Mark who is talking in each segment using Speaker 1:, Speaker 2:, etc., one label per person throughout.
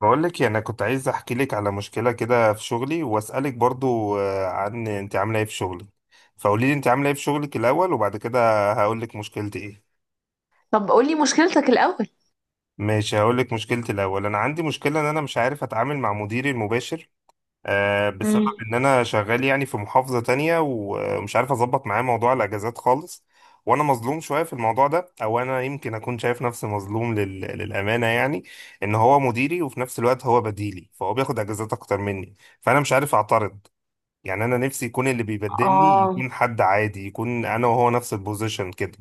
Speaker 1: بقول لك يعني انا كنت عايز احكي لك على مشكله كده في شغلي واسالك برضو عن انت عامله ايه في شغلك. فقولي لي انت عامله ايه في شغلك الاول، وبعد كده هقول لك مشكلتي ايه.
Speaker 2: طب قولي مشكلتك الأول.
Speaker 1: ماشي، هقول لك مشكلتي الاول. انا عندي مشكله ان انا مش عارف اتعامل مع مديري المباشر، بسبب
Speaker 2: امم
Speaker 1: ان انا شغال يعني في محافظة تانية ومش عارف اظبط معاه موضوع الاجازات خالص. وانا مظلوم شوية في الموضوع ده، او انا يمكن اكون شايف نفسي مظلوم للامانة يعني. ان هو مديري وفي نفس الوقت هو بديلي، فهو بياخد اجازات اكتر مني، فانا مش عارف اعترض. يعني انا نفسي يكون اللي بيبدلني
Speaker 2: اه،
Speaker 1: يكون حد عادي، يكون انا وهو نفس البوزيشن كده.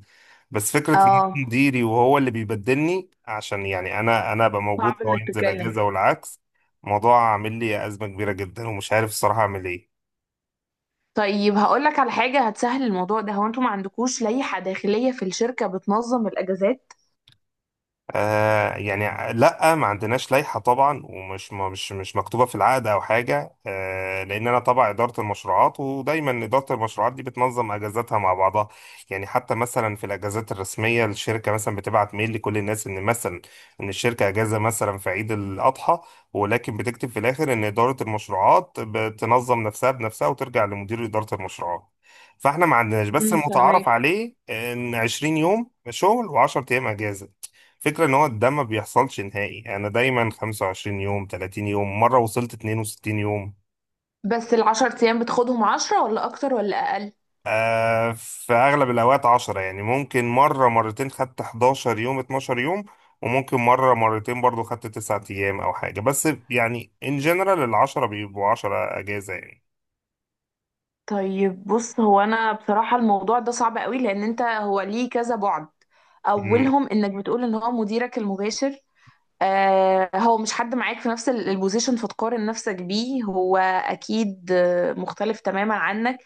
Speaker 1: بس فكره ان يكون
Speaker 2: اه،
Speaker 1: مديري وهو اللي بيبدلني، عشان يعني انا ابقى موجود
Speaker 2: صعب
Speaker 1: وهو
Speaker 2: انك
Speaker 1: ينزل
Speaker 2: تتكلم.
Speaker 1: اجازه والعكس. الموضوع عامل لي ازمه كبيره جدا ومش عارف الصراحه اعمل ايه.
Speaker 2: طيب هقولك على حاجة هتسهل الموضوع ده. هو انتوا ما عندكوش لائحة داخلية في الشركة بتنظم الأجازات؟
Speaker 1: آه يعني لا، ما عندناش لائحة طبعا، ومش مش مكتوبة في العقد أو حاجة، آه لأن أنا تبع إدارة المشروعات، ودايما إدارة المشروعات دي بتنظم أجازاتها مع بعضها. يعني حتى مثلا في الأجازات الرسمية الشركة مثلا بتبعت ميل لكل الناس، إن مثلا إن الشركة أجازة مثلا في عيد الأضحى، ولكن بتكتب في الآخر إن إدارة المشروعات بتنظم نفسها بنفسها وترجع لمدير إدارة المشروعات. فإحنا ما عندناش، بس المتعارف
Speaker 2: فهماك.
Speaker 1: عليه إن 20 يوم شغل و10 أيام أجازة. فكرة ان هو ده ما بيحصلش نهائي، انا دايما 25 يوم، 30 يوم، مرة وصلت 62 يوم.
Speaker 2: بس العشر أيام بتاخدهم 10 ولا أكتر ولا أقل؟
Speaker 1: آه، في اغلب الاوقات 10، يعني ممكن مرة مرتين خدت 11 يوم، 12 يوم، وممكن مرة مرتين برضو خدت 9 ايام او حاجة، بس يعني ان جنرال ال 10 بيبقوا 10 اجازة يعني.
Speaker 2: طيب بص، هو أنا بصراحة الموضوع ده صعب قوي، لأن انت هو ليه كذا بعد.
Speaker 1: مم.
Speaker 2: أولهم إنك بتقول إن هو مديرك المباشر. هو مش حد معاك في نفس البوزيشن فتقارن نفسك بيه، هو اكيد مختلف تماما عنك.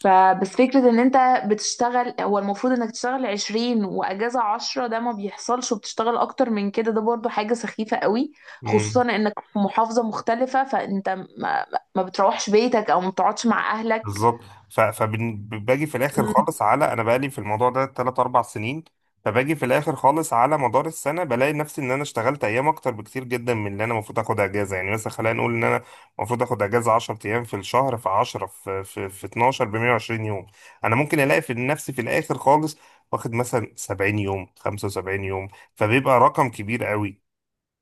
Speaker 2: فبس فكرة ان انت بتشتغل، هو المفروض انك تشتغل 20 واجازة 10، ده ما بيحصلش، وبتشتغل اكتر من كده، ده برضو حاجة سخيفة قوي.
Speaker 1: مم.
Speaker 2: خصوصا انك في محافظة مختلفة، فانت ما, ما بتروحش بيتك او ما بتقعدش مع اهلك.
Speaker 1: بالظبط. فباجي في الاخر
Speaker 2: مم.
Speaker 1: خالص على، انا بقالي في الموضوع ده 3 4 سنين، فباجي في الاخر خالص على مدار السنه بلاقي نفسي ان انا اشتغلت ايام اكتر بكتير جدا من اللي انا المفروض اخد اجازه. يعني مثلا خلينا نقول ان انا المفروض اخد اجازه 10 ايام في الشهر، في 10، في في 12 ب 120 يوم، انا ممكن الاقي في نفسي في الاخر خالص واخد مثلا 70 يوم، 75 يوم. فبيبقى رقم كبير قوي،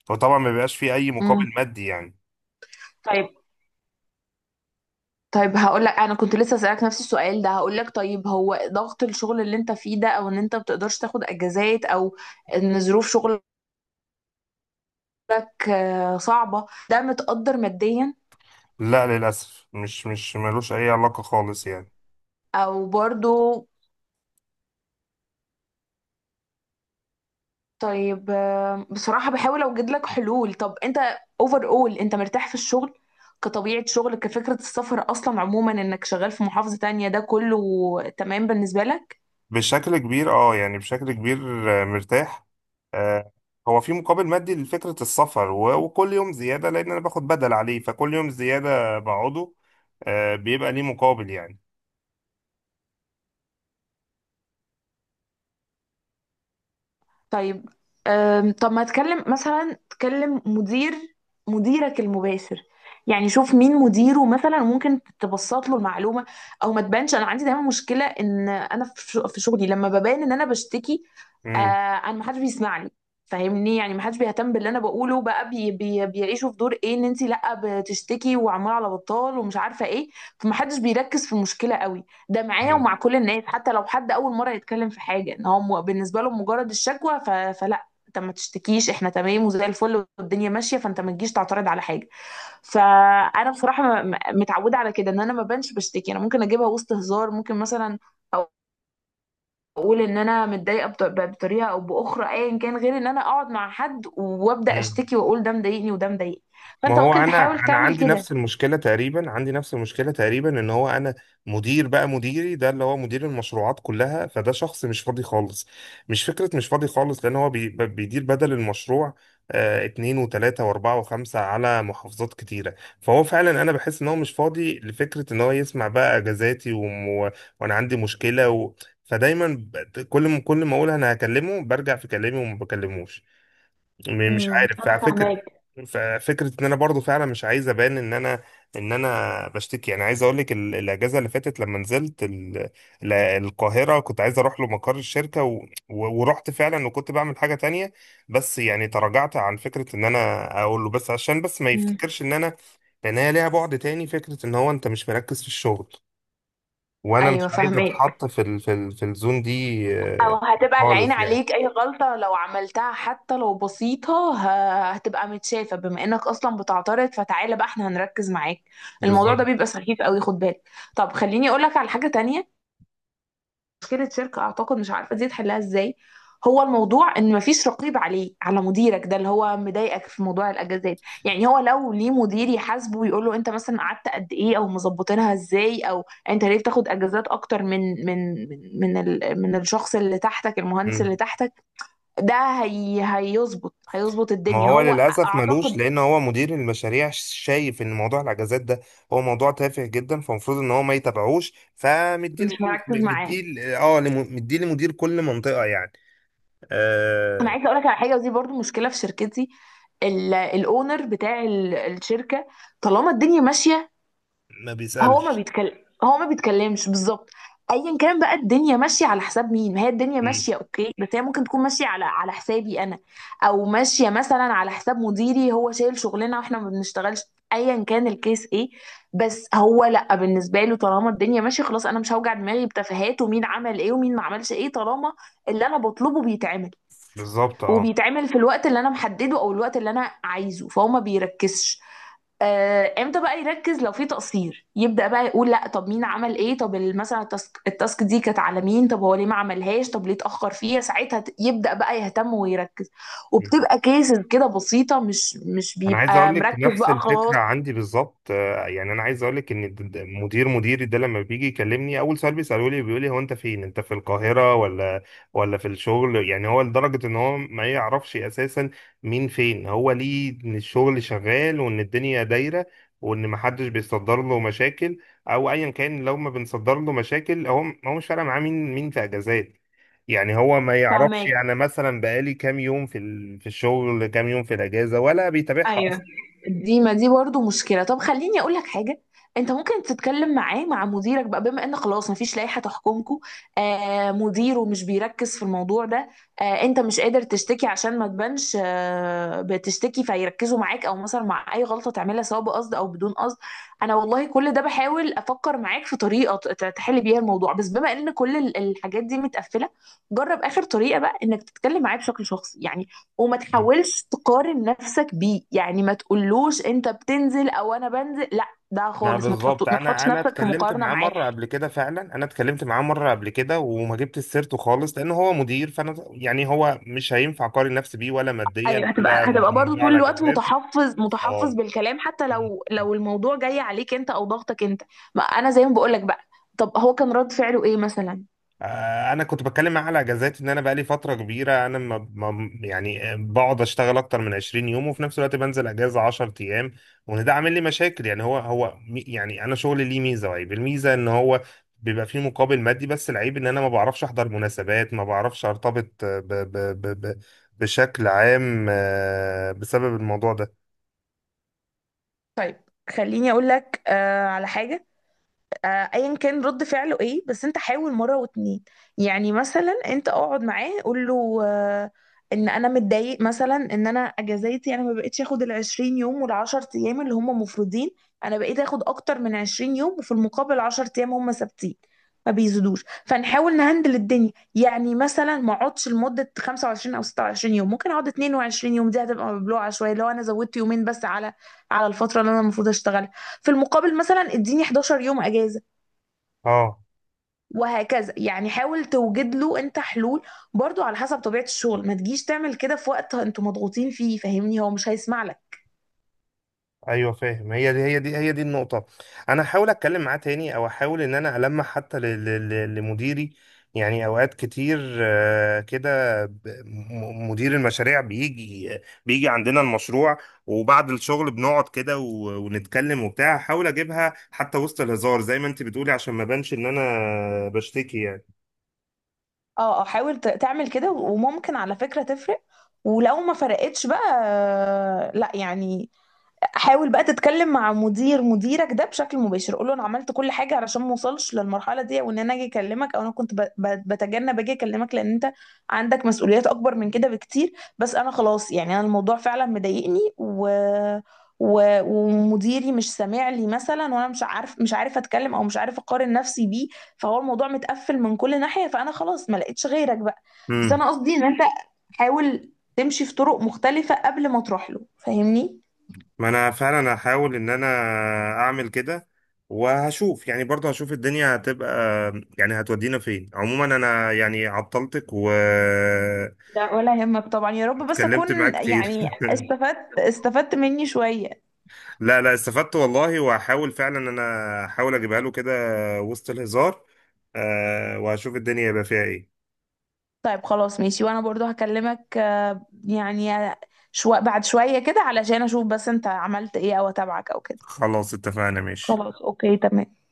Speaker 1: فطبعا ما بيبقاش فيه اي
Speaker 2: مم.
Speaker 1: مقابل مادي يعني.
Speaker 2: طيب، طيب، هقول لك انا كنت لسه اسالك نفس السؤال ده. هقول لك طيب، هو ضغط الشغل اللي انت فيه ده، او ان انت بتقدرش تاخد اجازات، او ان ظروف شغلك صعبة، ده متقدر ماديا
Speaker 1: لا، للاسف مش ملوش اي علاقه خالص يعني.
Speaker 2: او برضو؟ طيب، بصراحة بحاول اوجد لك حلول. طب انت اوفر اول، انت مرتاح في الشغل كطبيعة شغل؟ كفكرة السفر اصلا عموما، انك شغال في محافظة تانية، ده كله تمام بالنسبة لك؟
Speaker 1: بشكل كبير اه، يعني بشكل كبير. مرتاح. آه، هو في مقابل مادي لفكرة السفر وكل يوم زيادة، لأن أنا باخد بدل عليه، فكل يوم زيادة بقعده بيبقى ليه مقابل يعني.
Speaker 2: طيب. طب ما تكلم مثلا، تكلم مدير مديرك المباشر. يعني شوف مين مديره، مثلا ممكن تبسط له المعلومه. او ما تبانش. انا عندي دايما مشكله ان انا في شغلي لما ببان ان انا بشتكي،
Speaker 1: مم.
Speaker 2: انا ما حدش بيسمع لي. فاهمني، يعني ما حدش بيهتم باللي انا بقوله. بقى بي بي بيعيشوا في دور ايه، ان انت لا بتشتكي وعماله على بطال ومش عارفه ايه، فما حدش بيركز في المشكله قوي. ده معايا ومع كل الناس. حتى لو حد اول مره يتكلم في حاجه، ان هو بالنسبه له مجرد الشكوى، فلا، انت ما تشتكيش، احنا تمام وزي الفل والدنيا ماشيه، فانت ما تجيش تعترض على حاجه. فانا بصراحه متعوده على كده. ان انا ما بنش بشتكي، انا ممكن اجيبها وسط هزار. ممكن مثلا اقول ان انا متضايقه بطريقه او باخرى، ايا كان، غير ان انا اقعد مع حد وابدا
Speaker 1: مم.
Speaker 2: اشتكي واقول ده مضايقني وده مضايقني.
Speaker 1: ما
Speaker 2: فانت
Speaker 1: هو
Speaker 2: ممكن تحاول
Speaker 1: انا
Speaker 2: تعمل
Speaker 1: عندي
Speaker 2: كده.
Speaker 1: نفس المشكله تقريبا، عندي نفس المشكله تقريبا. ان هو انا مدير، بقى مديري ده اللي هو مدير المشروعات كلها، فده شخص مش فاضي خالص، مش فكره، مش فاضي خالص، لان هو بيدير بدل المشروع. آه، اتنين وتلاته واربعه وخمسه على محافظات كتيره. فهو فعلا انا بحس ان هو مش فاضي لفكره ان هو يسمع بقى اجازاتي وانا عندي مشكله فدايما كل ما اقول انا هكلمه برجع في كلامي وما بكلموش. مش عارف،
Speaker 2: انا
Speaker 1: فعلى فكرة.
Speaker 2: فاهماك.
Speaker 1: ففكرة ان انا برضو فعلا مش عايز ابان ان انا، ان انا بشتكي. يعني عايز اقول لك الاجازة اللي فاتت لما نزلت القاهرة، كنت عايز اروح له مقر الشركة ورحت فعلا، وكنت بعمل حاجة تانية بس. يعني تراجعت عن فكرة ان انا اقول له، بس عشان بس ما
Speaker 2: امم
Speaker 1: يفتكرش ان انا، لان هي ليها بعد تاني، فكرة ان هو انت مش مركز في الشغل، وانا مش
Speaker 2: ايوه،
Speaker 1: عايز
Speaker 2: فاهمك.
Speaker 1: اتحط في في الزون دي
Speaker 2: او هتبقى العين
Speaker 1: خالص يعني.
Speaker 2: عليك، اي غلطة لو عملتها حتى لو بسيطة هتبقى متشافة، بما انك اصلا بتعترض، فتعالى بقى احنا هنركز معاك. الموضوع ده
Speaker 1: بالظبط.
Speaker 2: بيبقى سخيف قوي، خد بالك. طب خليني اقولك على حاجة تانية. مشكلة شركة، أعتقد مش عارفة دي تحلها إزاي. هو الموضوع إن مفيش رقيب عليه، على مديرك ده اللي هو مضايقك في موضوع الأجازات. يعني هو لو ليه مدير يحاسبه ويقول له، أنت مثلا قعدت قد إيه، أو مظبطينها إزاي، أو أنت ليه بتاخد أجازات أكتر من الشخص اللي تحتك، المهندس اللي تحتك ده، هي هيظبط
Speaker 1: ما
Speaker 2: الدنيا
Speaker 1: هو
Speaker 2: هو،
Speaker 1: للأسف ملوش،
Speaker 2: أعتقد،
Speaker 1: لأن هو مدير المشاريع شايف إن موضوع الأجازات ده هو موضوع تافه جدا، فالمفروض إن هو ما يتابعوش، فمديه
Speaker 2: مش
Speaker 1: ل-
Speaker 2: مركز معاه.
Speaker 1: مديه ل- اه لم- مديه لمدير كل منطقة يعني.
Speaker 2: أنا
Speaker 1: آه.
Speaker 2: عايزة أقول لك على حاجة، ودي برضو مشكلة في شركتي. الاونر بتاع الشركه، طالما الدنيا ماشيه،
Speaker 1: ما
Speaker 2: هو ما
Speaker 1: بيسألش.
Speaker 2: بيتكلم، هو ما بيتكلمش بالظبط. ايا كان بقى الدنيا ماشيه على حساب مين، ما هي الدنيا
Speaker 1: مم.
Speaker 2: ماشيه اوكي، بس هي ممكن تكون ماشيه على حسابي انا، او ماشيه مثلا على حساب مديري، هو شايل شغلنا واحنا ما بنشتغلش، ايا كان الكيس ايه. بس هو لا، بالنسبه له طالما الدنيا ماشيه خلاص، انا مش هوجع دماغي بتفاهات ومين عمل ايه ومين ما عملش ايه، طالما اللي انا بطلبه بيتعمل،
Speaker 1: بالظبط اه.
Speaker 2: وبيتعمل في الوقت اللي انا محدده او الوقت اللي انا عايزه، فهو ما بيركزش. امتى بقى يركز؟ لو في تقصير يبدأ بقى يقول، لا طب مين عمل ايه، طب مثلا التاسك دي كانت على مين، طب هو ليه ما عملهاش، طب ليه اتأخر فيها، ساعتها يبدأ بقى يهتم ويركز. وبتبقى كيسز كده بسيطة، مش
Speaker 1: انا عايز
Speaker 2: بيبقى
Speaker 1: اقول لك
Speaker 2: مركز
Speaker 1: نفس
Speaker 2: بقى خلاص.
Speaker 1: الفكره عندي بالظبط. يعني انا عايز اقول لك ان مدير مديري ده لما بيجي يكلمني اول سؤال بيساله لي بيقول لي، هو انت فين، انت في القاهره ولا ولا في الشغل؟ يعني هو لدرجه ان هو ما يعرفش اساسا مين فين، هو ليه ان الشغل شغال وان الدنيا دايره وان ما حدش بيصدر له مشاكل. او ايا كان، لو ما بنصدر له مشاكل، هو مش فارق معاه مين في اجازات. يعني هو ما يعرفش
Speaker 2: فهماك.
Speaker 1: يعني مثلا بقالي كام يوم في في الشغل، كام يوم في الاجازه، ولا بيتابعها.
Speaker 2: ايوه. دي، ما دي برضه مشكله. طب خليني اقول لك حاجه. انت ممكن تتكلم معاه، مع مديرك بقى، بما ان خلاص مفيش لائحه تحكمكم. مديره مش بيركز في الموضوع ده. انت مش قادر تشتكي عشان ما تبانش بتشتكي فيركزوا معاك، او مثلا مع اي غلطه تعملها سواء بقصد او بدون قصد. انا والله كل ده بحاول افكر معاك في طريقه تحل بيها الموضوع، بس بما ان كل الحاجات دي متقفله، جرب اخر طريقه بقى انك تتكلم معاه بشكل شخصي يعني. وما
Speaker 1: مم.
Speaker 2: تحاولش تقارن نفسك بيه. يعني ما تقولوش انت بتنزل او انا بنزل، لا، ده
Speaker 1: ما
Speaker 2: خالص.
Speaker 1: بالظبط،
Speaker 2: ما
Speaker 1: انا
Speaker 2: تحطش
Speaker 1: انا
Speaker 2: نفسك في
Speaker 1: اتكلمت
Speaker 2: مقارنة
Speaker 1: معاه
Speaker 2: معاه.
Speaker 1: مره قبل كده، فعلا انا اتكلمت معاه مره قبل كده وما جبت سيرته خالص، لان هو مدير، فانا يعني هو مش هينفع اقارن نفسي بيه، ولا
Speaker 2: ايوه،
Speaker 1: ماديا ولا
Speaker 2: هتبقى
Speaker 1: على
Speaker 2: برضو
Speaker 1: موضوع
Speaker 2: طول الوقت
Speaker 1: الاجازات.
Speaker 2: متحفظ، متحفظ بالكلام، حتى لو
Speaker 1: بالظبط.
Speaker 2: لو الموضوع جاي عليك انت او ضغطك انت. ما انا زي ما بقولك بقى. طب هو كان رد فعله ايه مثلا؟
Speaker 1: انا كنت بتكلم معاه على اجازات ان انا بقالي فتره كبيره انا، يعني بقعد اشتغل اكتر من 20 يوم، وفي نفس الوقت بنزل اجازه 10 ايام، وان ده عامل لي مشاكل. يعني هو يعني انا شغلي ليه ميزه وعيب. الميزه ان هو بيبقى فيه مقابل مادي، بس العيب ان انا ما بعرفش احضر مناسبات، ما بعرفش ارتبط آه، ب ب ب ب بشكل عام بسبب الموضوع ده.
Speaker 2: طيب خليني اقول لك على حاجة. ايا كان رد فعله ايه، بس انت حاول مره واتنين. يعني مثلا انت اقعد معاه، قول له، ان انا متضايق مثلا، ان انا اجازاتي انا ما بقتش اخد ال 20 يوم وال 10 ايام اللي هم مفروضين. انا بقيت اخد اكتر من 20 يوم، وفي المقابل 10 ايام هم ثابتين، ما بيزيدوش، فنحاول نهندل الدنيا. يعني مثلا ما اقعدش لمده 25 او 26 يوم، ممكن اقعد 22 يوم، دي هتبقى مبلوعه شويه لو انا زودت يومين بس على الفتره اللي انا المفروض اشتغلها. في المقابل مثلا اديني 11 يوم اجازه،
Speaker 1: اه،
Speaker 2: وهكذا. يعني حاول توجد له انت حلول، برضو على حسب طبيعة الشغل. ما تجيش تعمل كده في وقت انتوا مضغوطين فيه، فاهمني، هو مش هيسمع لك.
Speaker 1: ايوه فاهم. هي دي النقطه. انا احاول اتكلم معاه تاني، او احاول ان انا المح حتى لمديري. يعني اوقات كتير كده مدير المشاريع بيجي عندنا المشروع، وبعد الشغل بنقعد كده ونتكلم وبتاع، احاول اجيبها حتى وسط الهزار زي ما انت بتقولي، عشان ما بانش ان انا بشتكي
Speaker 2: اه، اه، حاول تعمل كده. وممكن على فكرة تفرق. ولو ما فرقتش بقى، لا يعني، حاول بقى تتكلم مع مدير مديرك ده بشكل مباشر. قول له انا عملت كل حاجه علشان ما اوصلش للمرحله دي، وان انا اجي اكلمك، او انا كنت بتجنب اجي اكلمك لان انت عندك مسؤوليات اكبر من كده بكتير. بس انا خلاص يعني، انا الموضوع فعلا مضايقني، ومديري مش سامع لي مثلا، وانا مش عارف، مش عارف اتكلم، او مش عارف اقارن نفسي بيه. فهو الموضوع متقفل من كل ناحيه، فانا خلاص ما لقيتش غيرك بقى. بس
Speaker 1: يعني.
Speaker 2: انا قصدي ان انت حاول تمشي في طرق مختلفه قبل ما تروح له، فاهمني.
Speaker 1: ما انا فعلا هحاول ان انا اعمل كده وهشوف يعني، برضه هشوف الدنيا هتبقى، يعني هتودينا فين. عموما انا يعني عطلتك واتكلمت
Speaker 2: لا، ولا يهمك طبعا، يا رب بس اكون،
Speaker 1: معاك كتير.
Speaker 2: يعني، استفدت، استفدت مني شوية.
Speaker 1: لا لا، استفدت والله. وهحاول فعلا ان انا احاول اجيبها له كده وسط الهزار، وهشوف الدنيا يبقى فيها ايه.
Speaker 2: طيب خلاص، ماشي. وانا برضو هكلمك، يعني، شو بعد شوية كده، علشان اشوف بس انت عملت ايه، او اتابعك او كده.
Speaker 1: خلاص، اتفقنا ماشي.
Speaker 2: خلاص اوكي، تمام.